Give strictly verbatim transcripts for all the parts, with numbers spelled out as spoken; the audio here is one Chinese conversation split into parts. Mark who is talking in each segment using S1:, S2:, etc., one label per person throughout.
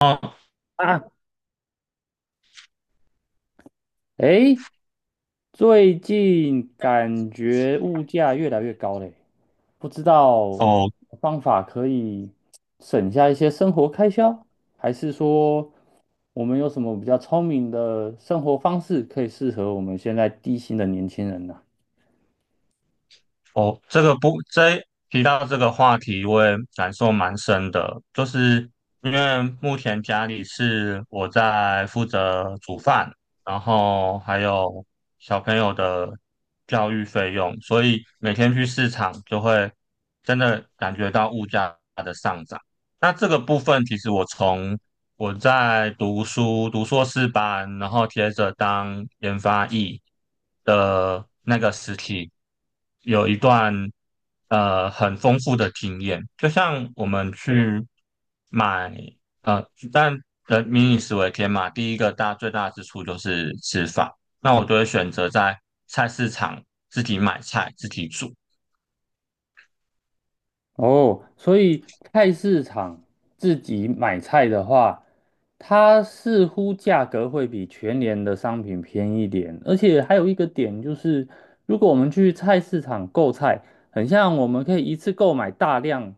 S1: 哦
S2: 啊，诶，最近感觉物价越来越高嘞，不知道
S1: 哦，
S2: 方法可以省下一些生活开销，还是说我们有什么比较聪明的生活方式可以适合我们现在低薪的年轻人呢？
S1: 哦，这个不，这提到这个话题，我也感受蛮深的，就是因为目前家里是我在负责煮饭，然后还有小朋友的教育费用，所以每天去市场就会真的感觉到物价的上涨。那这个部分，其实我从我在读书，读硕士班，然后接着当研发役的那个时期，有一段呃很丰富的经验。就像我们去买呃，但人民以食为天嘛，第一个大最大之处就是吃饭。那我就会选择在菜市场自己买菜，自己煮。
S2: 哦，所以菜市场自己买菜的话，它似乎价格会比全联的商品便宜一点，而且还有一个点就是，如果我们去菜市场购菜，很像我们可以一次购买大量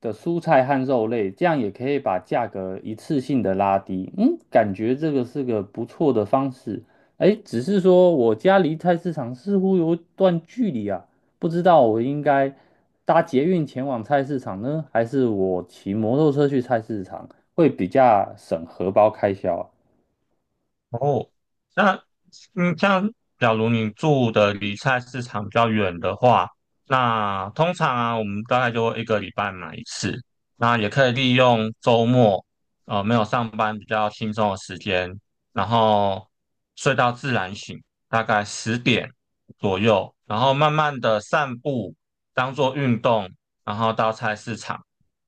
S2: 的蔬菜和肉类，这样也可以把价格一次性的拉低。嗯，感觉这个是个不错的方式。哎，只是说我家离菜市场似乎有一段距离啊。不知道我应该搭捷运前往菜市场呢，还是我骑摩托车去菜市场，会比较省荷包开销啊。
S1: 哦，那嗯，像假如你住的离菜市场比较远的话，那通常啊，我们大概就会一个礼拜买一次。那也可以利用周末，呃，没有上班比较轻松的时间，然后睡到自然醒，大概十点左右，然后慢慢的散步，当做运动，然后到菜市场。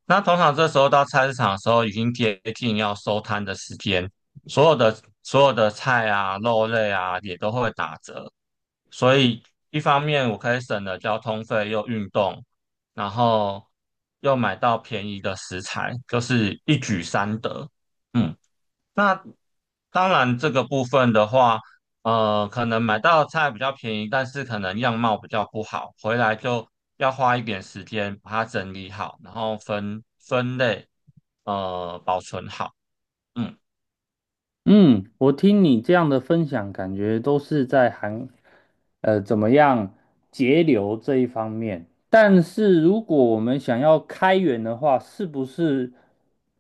S1: 那通常这时候到菜市场的时候，已经接近要收摊的时间。所有的所有的菜啊、肉类啊也都会打折，所以一方面我可以省了交通费，又运动，然后又买到便宜的食材，就是一举三得。嗯，那当然这个部分的话，呃，可能买到菜比较便宜，但是可能样貌比较不好，回来就要花一点时间把它整理好，然后分分类，呃，保存好。嗯。
S2: 嗯，我听你这样的分享，感觉都是在韩，呃，怎么样节流这一方面。但是如果我们想要开源的话，是不是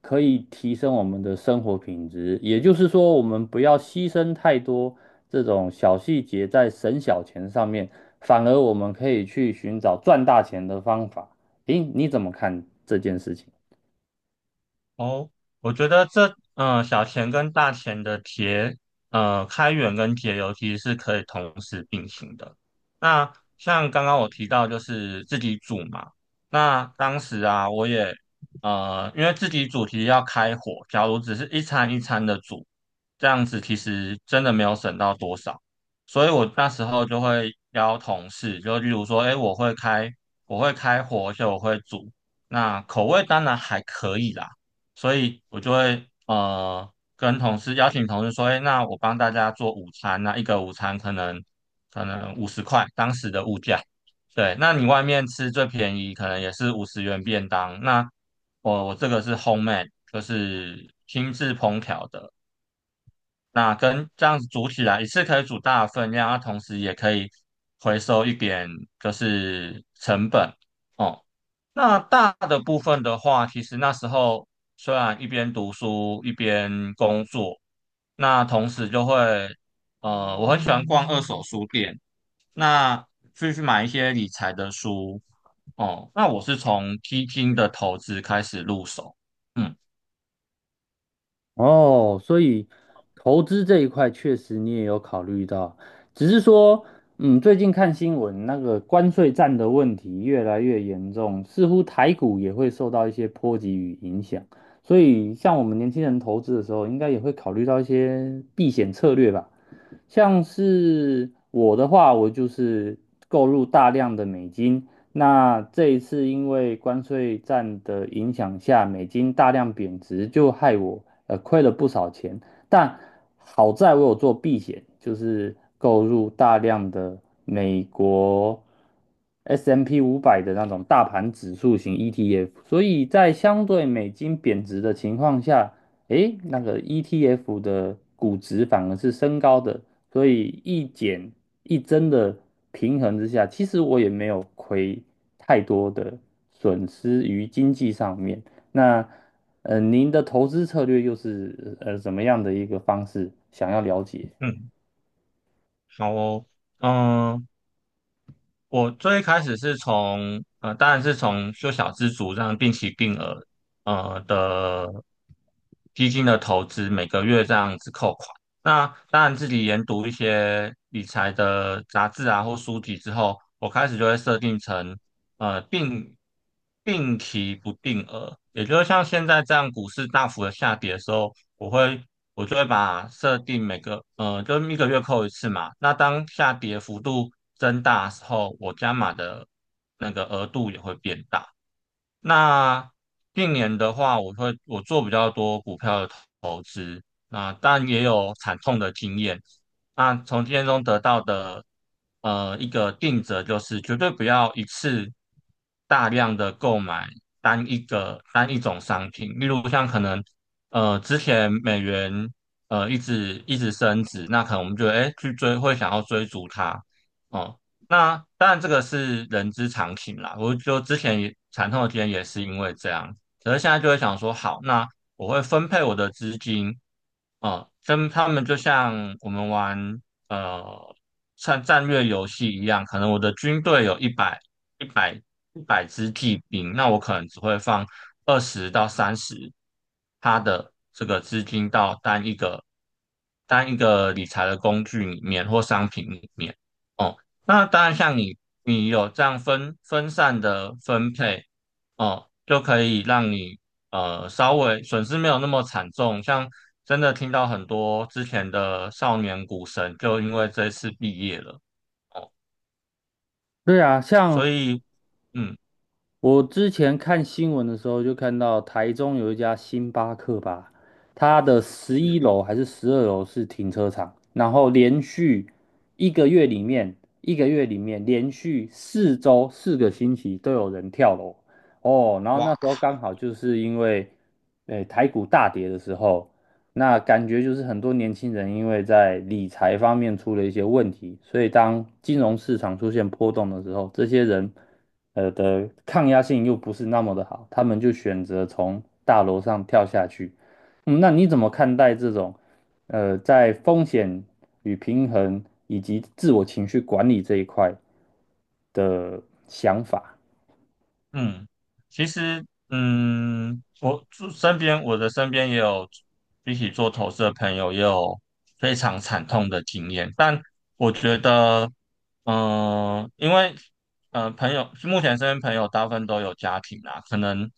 S2: 可以提升我们的生活品质？也就是说，我们不要牺牲太多这种小细节在省小钱上面，反而我们可以去寻找赚大钱的方法。诶，你怎么看这件事情？
S1: 哦，我觉得这嗯、呃小钱跟大钱的节呃开源跟节流其实是可以同时并行的。那像刚刚我提到就是自己煮嘛，那当时啊我也呃因为自己煮其实要开火，假如只是一餐一餐的煮，这样子其实真的没有省到多少。所以我那时候就会邀同事，就例如说，哎，我会开我会开火，而且我会煮，那口味当然还可以啦。所以我就会呃跟同事邀请同事说，哎，那我帮大家做午餐，那一个午餐可能可能五十块，当时的物价。对，那你外面吃最便宜，可能也是五十元便当。那我我这个是 homemade,就是亲自烹调的。那跟这样子煮起来，一次可以煮大的分量，那同时也可以回收一点，就是成本。哦。那大的部分的话，其实那时候虽然一边读书一边工作，那同时就会，呃，我很喜欢逛二手书店，那去去买一些理财的书哦。那我是从基金的投资开始入手，嗯
S2: 哦，所以投资这一块确实你也有考虑到，只是说，嗯，最近看新闻，那个关税战的问题越来越严重，似乎台股也会受到一些波及与影响，所以像我们年轻人投资的时候，应该也会考虑到一些避险策略吧。像是我的话，我就是购入大量的美金。那这一次因为关税战的影响下，美金大量贬值，就害我呃亏了不少钱。但好在我有做避险，就是购入大量的美国 S and P 五百的那种大盘指数型 E T F，所以在相对美金贬值的情况下，诶，那个 E T F 的估值反而是升高的，所以一减一增的平衡之下，其实我也没有亏太多的损失于经济上面。那呃，您的投资策略又是呃怎么样的一个方式？想要了解。
S1: 嗯，好哦，嗯、我最开始是从呃，当然是从修小资族这样定期定额呃的基金的投资，每个月这样子扣款。那当然自己研读一些理财的杂志啊或书籍之后，我开始就会设定成呃定定期不定额，也就是像现在这样股市大幅的下跌的时候，我会我就会把设定每个呃，就是一个月扣一次嘛。那当下跌幅度增大的时候，我加码的那个额度也会变大。那近年的话，我会我做比较多股票的投投资，那但也有惨痛的经验。那从经验中得到的呃一个定则就是绝对不要一次大量的购买单一个单一种商品，例如像可能呃，之前美元呃一直一直升值，那可能我们就哎去追，会想要追逐它哦。那当然这个是人之常情啦，我就之前也惨痛的经验也是因为这样，可是现在就会想说，好，那我会分配我的资金，哦，跟他们就像我们玩呃像战略游戏一样，可能我的军队有一百一百一百支骑兵，那我可能只会放二十到三十他的这个资金到单一个单一个理财的工具里面或商品里面。哦，那当然像你你有这样分分散的分配，哦，就可以让你呃稍微损失没有那么惨重，像真的听到很多之前的少年股神就因为这次毕业了哦，
S2: 对啊，
S1: 所
S2: 像
S1: 以嗯
S2: 我之前看新闻的时候，就看到台中有一家星巴克吧，它的十一
S1: 是。
S2: 楼还是十二楼是停车场，然后连续一个月里面，一个月里面连续四周四个星期都有人跳楼哦。然后那
S1: 哇，
S2: 时候刚好就是因为，诶、台股大跌的时候，那感觉就是很多年轻人因为在理财方面出了一些问题，所以当金融市场出现波动的时候，这些人呃的抗压性又不是那么的好，他们就选择从大楼上跳下去。嗯，那你怎么看待这种呃在风险与平衡以及自我情绪管理这一块的想法？
S1: 嗯，其实，嗯，我住身边，我的身边也有一起做投资的朋友，也有非常惨痛的经验。但我觉得，嗯、因为，呃，朋友目前身边朋友大部分都有家庭啦，可能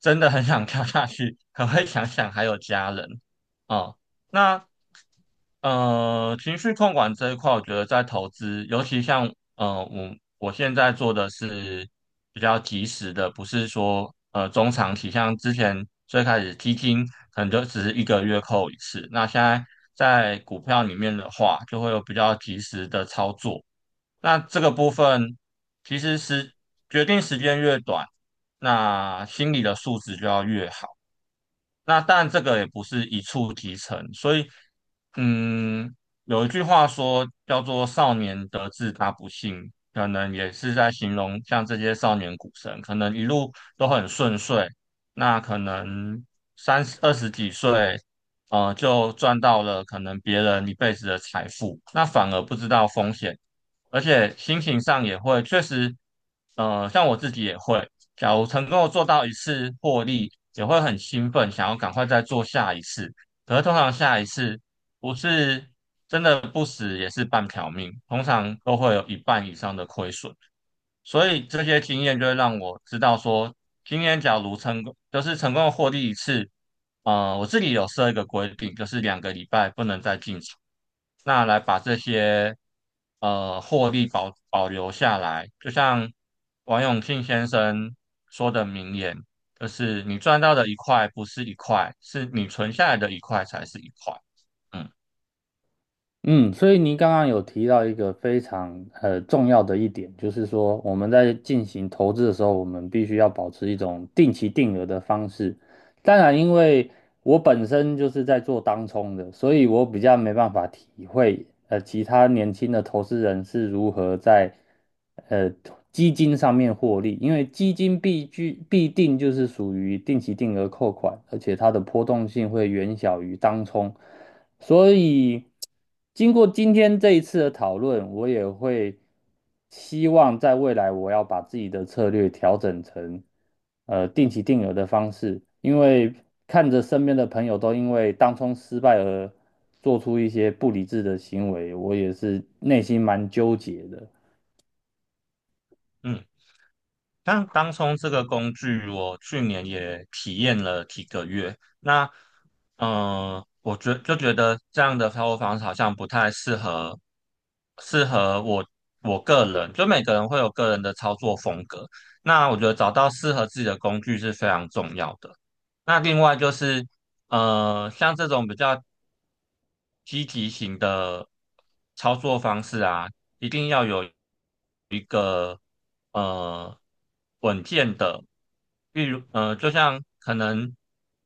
S1: 真的很想跳下去，可会想想还有家人，哦、那呃，情绪控管这一块，我觉得在投资，尤其像呃，我我现在做的是比较及时的，不是说呃中长期，像之前最开始基金可能就只是一个月扣一次，那现在在股票里面的话，就会有比较及时的操作。那这个部分其实是决定时间越短，那心理的素质就要越好。那但这个也不是一触即成，所以，嗯，有一句话说叫做“少年得志大不幸”，可能也是在形容像这些少年股神，可能一路都很顺遂，那可能三十二十几岁，呃，就赚到了可能别人一辈子的财富，那反而不知道风险，而且心情上也会确实，呃，像我自己也会。假如成功做到一次获利，也会很兴奋，想要赶快再做下一次。可是通常下一次不是真的不死，也是半条命，通常都会有一半以上的亏损。所以这些经验就会让我知道说，今天假如成功，就是成功的获利一次，呃，我自己有设一个规定，就是两个礼拜不能再进场，那来把这些呃获利保保留下来。就像王永庆先生说的名言，就是你赚到的一块不是一块，是你存下来的一块才是一块。嗯
S2: 嗯，所以您刚刚有提到一个非常呃重要的一点，就是说我们在进行投资的时候，我们必须要保持一种定期定额的方式。当然，因为我本身就是在做当冲的，所以我比较没办法体会呃其他年轻的投资人是如何在呃基金上面获利，因为基金必居必定就是属于定期定额扣款，而且它的波动性会远小于当冲。所以，经过今天这一次的讨论，我也会希望在未来我要把自己的策略调整成呃定期定额的方式，因为看着身边的朋友都因为当冲失败而做出一些不理智的行为，我也是内心蛮纠结的。
S1: 嗯。但当冲这个工具，我去年也体验了几个月。那，呃，我觉就觉得这样的操作方式好像不太适合，适合我我个人。就每个人会有个人的操作风格。那我觉得找到适合自己的工具是非常重要的。那另外就是，呃，像这种比较积极型的操作方式啊，一定要有一个呃稳健的，例如呃，就像可能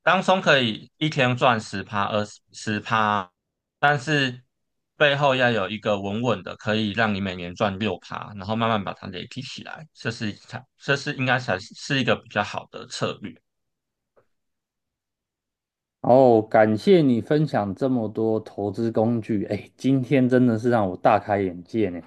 S1: 当冲可以一天赚十趴、二十十趴，但是背后要有一个稳稳的，可以让你每年赚六趴，然后慢慢把它累积起来，这是才这是应该才是一个比较好的策略。
S2: 然后感谢你分享这么多投资工具，哎，今天真的是让我大开眼界呢。